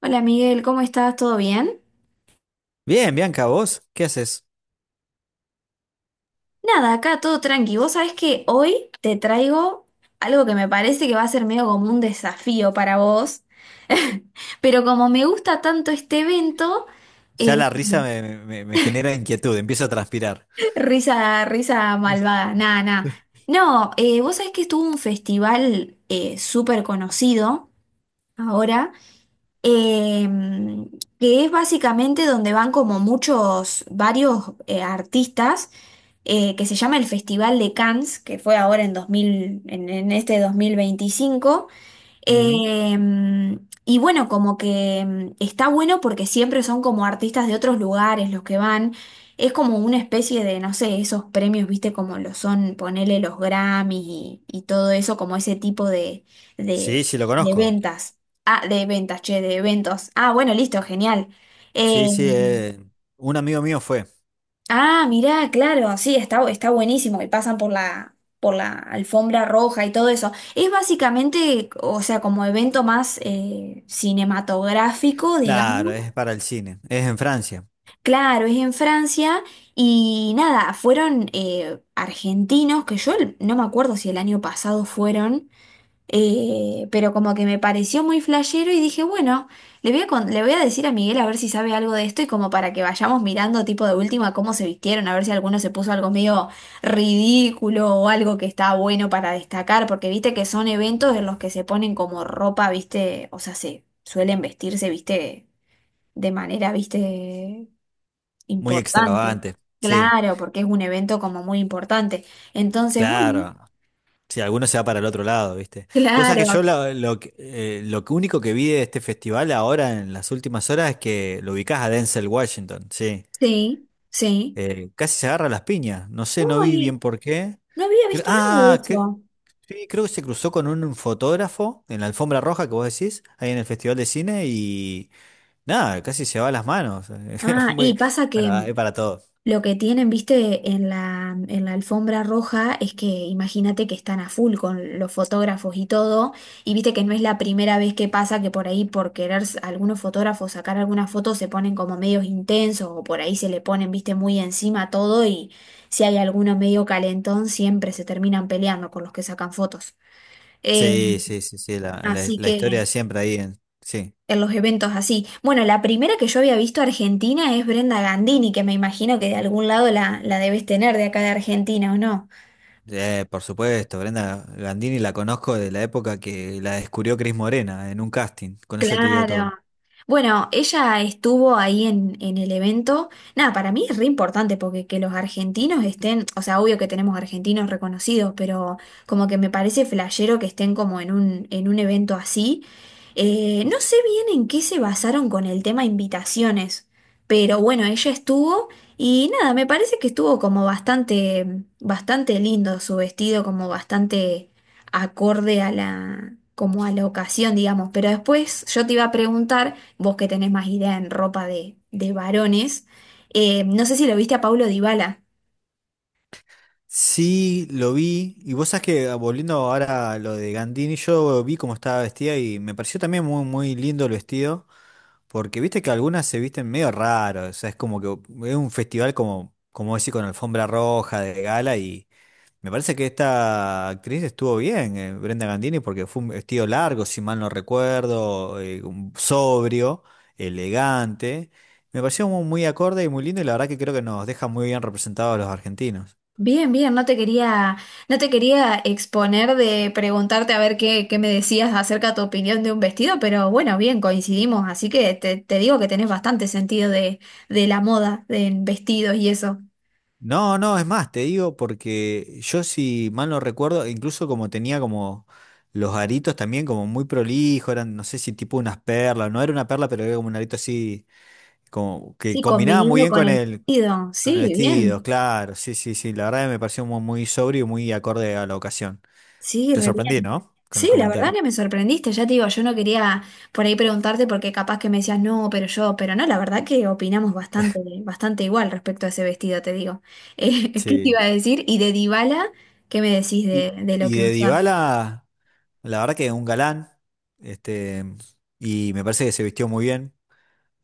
Hola Miguel, ¿cómo estás? ¿Todo bien? Bien, Bianca, ¿vos qué haces? Nada, acá todo tranqui. Vos sabés que hoy te traigo algo que me parece que va a ser medio como un desafío para vos, pero como me gusta tanto este evento, Ya eh, la risa me genera inquietud, empiezo a transpirar. risa, risa malvada, nada, nada. No, vos sabés que estuvo un festival súper conocido ahora, eh, que es básicamente donde van como muchos, varios artistas que se llama el Festival de Cannes, que fue ahora en 2000, en este 2025. Ujú. Eh, y bueno, como que está bueno porque siempre son como artistas de otros lugares los que van. Es como una especie de, no sé, esos premios, viste, como lo son, ponele los Grammys y todo eso, como ese tipo Sí, de, sí, lo de conozco. ventas. Ah, de ventas, che, de eventos. Ah, bueno, listo, genial. Eh, Sí, sí, un amigo mío fue. Ah, mirá, claro, sí, está, está buenísimo y pasan por por la alfombra roja y todo eso. Es básicamente, o sea, como evento más cinematográfico, Claro, digamos. es para el cine, es en Francia, Claro, es en Francia y nada, fueron argentinos, que yo no me acuerdo si el año pasado fueron. Pero como que me pareció muy flashero y dije, bueno, le voy a decir a Miguel a ver si sabe algo de esto y como para que vayamos mirando tipo de última cómo se vistieron, a ver si alguno se puso algo medio ridículo o algo que está bueno para destacar, porque viste que son eventos en los que se ponen como ropa, viste, o sea, se suelen vestirse, viste, de manera, viste, muy importante. extravagante. Sí, Claro, porque es un evento como muy importante. Entonces, bueno, claro. Si alguno se va para el otro lado, ¿viste? Cosa que yo claro, lo que único que vi de este festival ahora en las últimas horas es que lo ubicás a Denzel Washington, sí. sí, sí. Casi se agarra las piñas, no sé, no vi Uy, bien por qué. no había Cre- visto nada de ah, que eso. Sí, creo que se cruzó con un fotógrafo en la alfombra roja que vos decís, ahí en el Festival de Cine, y nada, casi se va las manos. Ah, y Muy, pasa que bueno, hay para todo. lo que tienen, viste, en en la alfombra roja es que imagínate que están a full con los fotógrafos y todo, y viste que no es la primera vez que pasa que por ahí por querer algunos fotógrafos sacar algunas fotos se ponen como medios intensos o por ahí se le ponen, viste, muy encima todo y si hay alguno medio calentón siempre se terminan peleando con los que sacan fotos. Eh, Sí, sí, sí, sí, la, la- Así la historia que... de siempre ahí en. Sí. en los eventos así. Bueno, la primera que yo había visto argentina es Brenda Gandini, que me imagino que de algún lado la debes tener de acá de Argentina, ¿o no? Por supuesto, Brenda Gandini la conozco de la época que la descubrió Cris Morena en un casting, con eso te digo todo. Claro. Bueno, ella estuvo ahí en el evento. Nada, para mí es re importante porque que los argentinos estén, o sea, obvio que tenemos argentinos reconocidos, pero como que me parece flashero que estén como en un evento así. No sé bien en qué se basaron con el tema invitaciones, pero bueno, ella estuvo y nada, me parece que estuvo como bastante, bastante lindo su vestido, como bastante acorde a la, como a la ocasión, digamos. Pero después yo te iba a preguntar, vos que tenés más idea en ropa de varones, no sé si lo viste a Paulo Dybala. Sí, lo vi, y vos sabés que, volviendo ahora a lo de Gandini, yo vi cómo estaba vestida y me pareció también muy, muy lindo el vestido. Porque viste que algunas se visten medio raro, o sea, es como que es un festival como decir, con alfombra roja de gala y me parece que esta actriz estuvo bien, Brenda Gandini, porque fue un vestido largo, si mal no recuerdo, sobrio, elegante. Me pareció muy, acorde y muy lindo y la verdad que creo que nos deja muy bien representados a los argentinos. Bien, bien, no te quería exponer de preguntarte a ver qué, qué me decías acerca de tu opinión de un vestido, pero bueno, bien, coincidimos, así que te digo que tenés bastante sentido de la moda, de en vestidos y eso. No, no, es más, te digo porque yo si mal no recuerdo, incluso como tenía como los aritos también como muy prolijo, eran no sé si tipo unas perlas, no era una perla, pero era como un arito así, como que Sí, combinaba muy combinando bien con con el el, vestido, con el sí, vestido, bien, claro, sí, sí, sí, la verdad que me pareció muy, muy sobrio y muy acorde a la ocasión. sí, Te re sorprendí, bien. ¿no? Con el Sí, la verdad comentario. que me sorprendiste, ya te digo, yo no quería por ahí preguntarte porque capaz que me decías no, pero yo, pero no, la verdad que opinamos bastante, bastante igual respecto a ese vestido, te digo. ¿Qué te Sí. iba a decir? Y de Dybala, ¿qué me decís Y, de lo y que de usó? Dybala, la verdad que es un galán, este, y me parece que se vistió muy bien.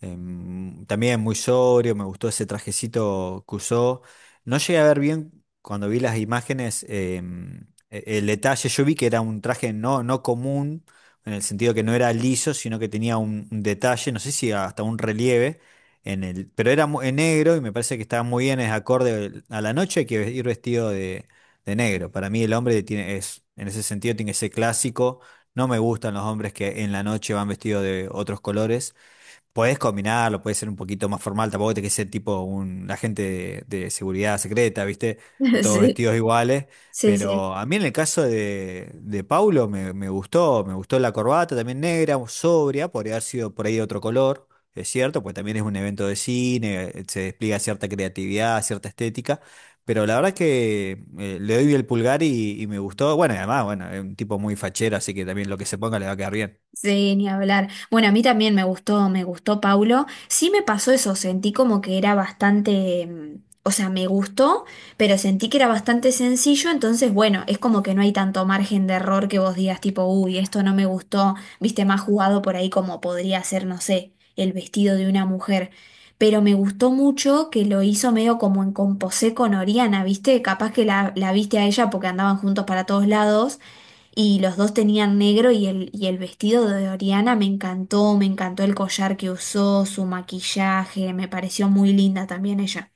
También muy sobrio, me gustó ese trajecito que usó. No llegué a ver bien cuando vi las imágenes el detalle. Yo vi que era un traje no, no común, en el sentido que no era liso, sino que tenía un detalle, no sé si hasta un relieve, pero era en negro y me parece que estaba muy bien, es acorde a la noche, hay que ir vestido de negro. Para mí el hombre es, en ese sentido tiene que ser clásico. No me gustan los hombres que en la noche van vestidos de otros colores. Podés combinarlo, puede ser un poquito más formal, tampoco te que ser tipo un agente de seguridad secreta, ¿viste? Todos Sí, vestidos iguales. sí, sí. Pero a mí en el caso de Paulo me gustó, me gustó la corbata también negra, sobria, podría haber sido por ahí de otro color, es cierto, pues también es un evento de cine, se despliega cierta creatividad, cierta estética. Pero la verdad es que le doy el pulgar y me gustó. Bueno, y además, bueno, es un tipo muy fachero, así que también lo que se ponga le va a quedar bien. Sí, ni hablar. Bueno, a mí también me gustó Paulo. Sí me pasó eso, sentí como que era bastante, o sea, me gustó, pero sentí que era bastante sencillo, entonces, bueno, es como que no hay tanto margen de error que vos digas tipo, uy, esto no me gustó, viste, más jugado por ahí como podría ser, no sé, el vestido de una mujer. Pero me gustó mucho que lo hizo medio como en composé con Oriana, viste, capaz que la viste a ella porque andaban juntos para todos lados y los dos tenían negro y y el vestido de Oriana me encantó el collar que usó, su maquillaje, me pareció muy linda también ella.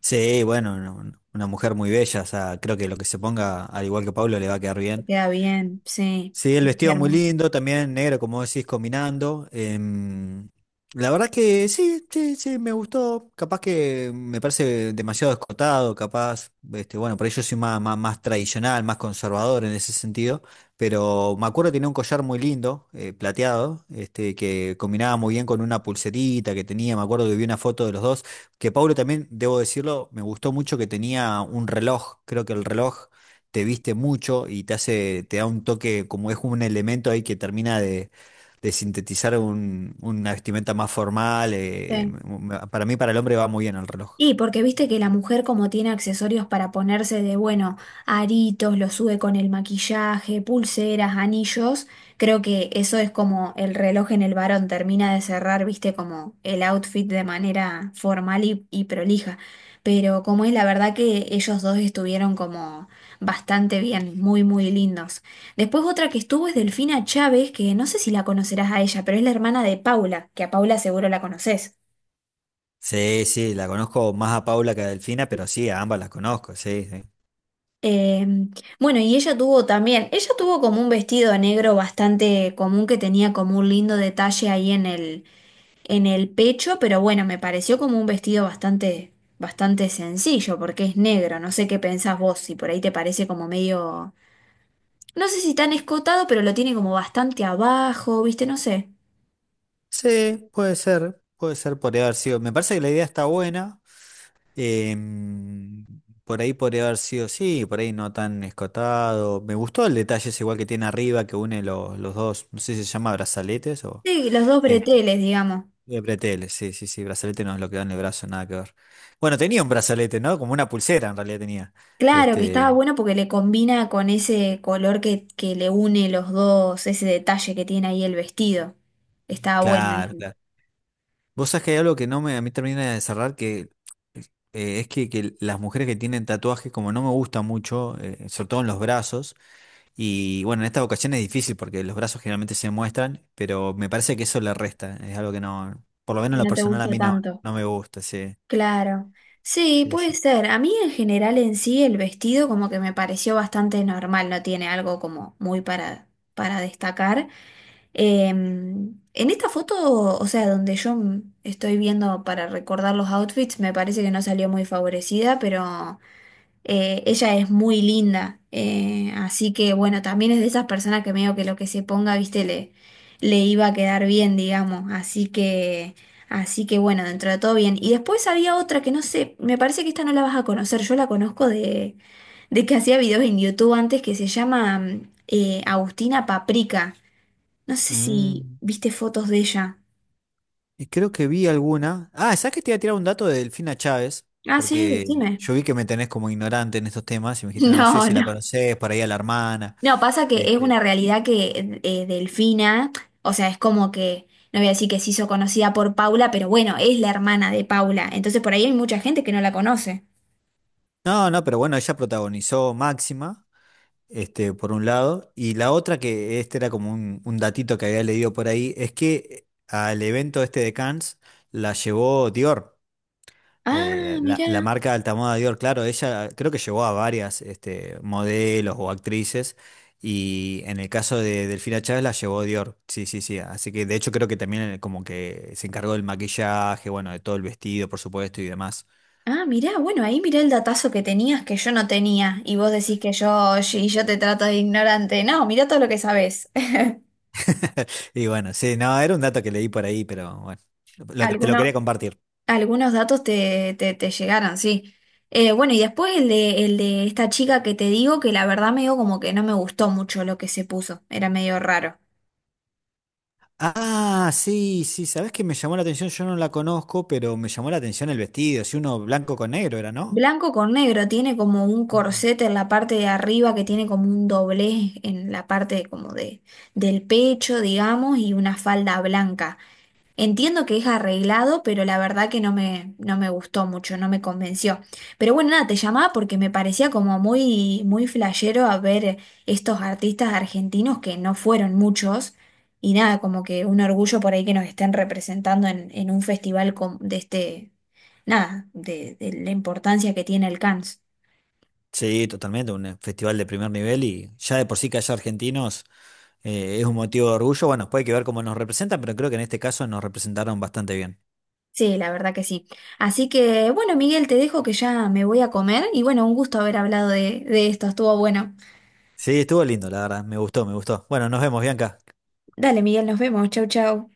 Sí, bueno, una mujer muy bella, o sea, creo que lo que se ponga, al igual que Pablo, le va a quedar bien. Queda bien, sí, Sí, el vestido muy hermosa. lindo, también negro, como decís, combinando. La verdad que sí, sí, sí, me gustó. Capaz que me parece demasiado escotado, capaz, este, bueno, por ello soy más, más, más tradicional, más conservador en ese sentido. Pero me acuerdo que tenía un collar muy lindo, plateado, este, que combinaba muy bien con una pulserita que tenía. Me acuerdo que vi una foto de los dos. Que Pablo también, debo decirlo, me gustó mucho que tenía un reloj. Creo que el reloj te viste mucho y te hace, te da un toque, como es un elemento ahí que termina de sintetizar una vestimenta más formal. Sí. Para mí, para el hombre va muy bien el reloj. Y porque viste que la mujer como tiene accesorios para ponerse de, bueno, aritos, lo sube con el maquillaje, pulseras, anillos, creo que eso es como el reloj en el varón termina de cerrar, viste, como el outfit de manera formal y prolija. Pero como es la verdad que ellos dos estuvieron como bastante bien, muy, muy lindos. Después otra que estuvo es Delfina Chávez, que no sé si la conocerás a ella, pero es la hermana de Paula, que a Paula seguro la conoces. Sí, sí, la conozco más a Paula que a Delfina, pero sí, a ambas las conozco, sí, sí. Eh, bueno, y ella tuvo también, ella tuvo como un vestido negro bastante común que tenía como un lindo detalle ahí en el pecho, pero bueno, me pareció como un vestido bastante, bastante sencillo porque es negro. No sé qué pensás vos, si por ahí te parece como medio, no sé si tan escotado, pero lo tiene como bastante abajo, ¿viste? No sé. Sí, puede ser, podría haber sido. Me parece que la idea está buena. em, por ahí podría haber sido, sí, por ahí no tan escotado. Me gustó el detalle ese igual que tiene arriba, que une los dos, no sé si se llama brazaletes o... Sí, los dos este, breteles, digamos. de bretelles, sí, sí, sí, brazalete no es lo que da en el brazo, nada que ver. Bueno, tenía un brazalete, ¿no? Como una pulsera en realidad tenía. Claro, que estaba Este, bueno porque le combina con ese color que le une los dos, ese detalle que tiene ahí el vestido. Estaba bueno claro, ese. claro. Vos sabés que hay algo que no me, a mí termina de cerrar, que es que las mujeres que tienen tatuajes, como no me gusta mucho, sobre todo en los brazos, y bueno, en esta ocasión es difícil porque los brazos generalmente se muestran, pero me parece que eso le resta, es algo que no, por lo menos Que en lo no te personal a gusta mí no, tanto. no me gusta, sí, Claro. Sí, sí, puede sí. ser. A mí en general en sí el vestido como que me pareció bastante normal, no tiene algo como muy para destacar. En esta foto, o sea, donde yo estoy viendo para recordar los outfits, me parece que no salió muy favorecida, pero... ella es muy linda, así que bueno, también es de esas personas que medio que lo que se ponga, viste, le iba a quedar bien, digamos. Así que bueno, dentro de todo bien. Y después había otra que no sé, me parece que esta no la vas a conocer, yo la conozco de que hacía videos en YouTube antes que se llama Agustina Paprika. No sé si Mm. viste fotos de ella. Y creo que vi alguna. Ah, ¿sabes que te iba a tirar un dato de Delfina Chávez? Ah, sí, Porque decime. yo vi que me tenés como ignorante en estos temas y me dijiste, no sé No, si la no. conocés, por ahí a la hermana. No, pasa que es Este, una realidad que Delfina, o sea, es como que, no voy a decir que se hizo conocida por Paula, pero bueno, es la hermana de Paula, entonces por ahí hay mucha gente que no la conoce. no, no, pero bueno, ella protagonizó Máxima, este, por un lado, y la otra, que este era como un datito que había leído por ahí, es que al evento este de Cannes la llevó Dior. Ah, Eh, la, mirá, la marca Altamoda Dior, claro, ella creo que llevó a varias este, modelos o actrices y en el caso de Delfina Chávez la llevó Dior, sí, sí, sí, así que de hecho creo que también como que se encargó del maquillaje, bueno, de todo el vestido, por supuesto, y demás. ah, mirá, bueno, ahí mirá el datazo que tenías que yo no tenía, y vos decís que yo, y yo te trato de ignorante. No, mirá todo lo que sabés. Y bueno, sí, no, era un dato que leí por ahí, pero bueno, te lo quería Alguno- compartir. algunos datos te, te, te llegaron, sí. Bueno, y después el de esta chica que te digo que la verdad medio como que no me gustó mucho lo que se puso, era medio raro. Ah, sí, sí, ¿sabés qué me llamó la atención? Yo no la conozco, pero me llamó la atención el vestido, si uno blanco con negro era, ¿no? Blanco con negro, tiene como un corsete en la parte de arriba que tiene como un doblez en la parte como de, del pecho, digamos, y una falda blanca. Entiendo que es arreglado, pero la verdad que no me, no me gustó mucho, no me convenció. Pero bueno, nada, te llamaba porque me parecía como muy, muy flashero a ver estos artistas argentinos que no fueron muchos. Y nada, como que un orgullo por ahí que nos estén representando en un festival de este, nada, de la importancia que tiene el Cannes. Sí, totalmente, un festival de primer nivel y ya de por sí que haya argentinos es un motivo de orgullo. Bueno, puede que ver cómo nos representan, pero creo que en este caso nos representaron bastante bien. Sí, la verdad que sí. Así que bueno, Miguel, te dejo que ya me voy a comer y bueno, un gusto haber hablado de esto, estuvo bueno. Sí, estuvo lindo, la verdad, me gustó, me gustó. Bueno, nos vemos, Bianca. Dale, Miguel, nos vemos. Chau, chau.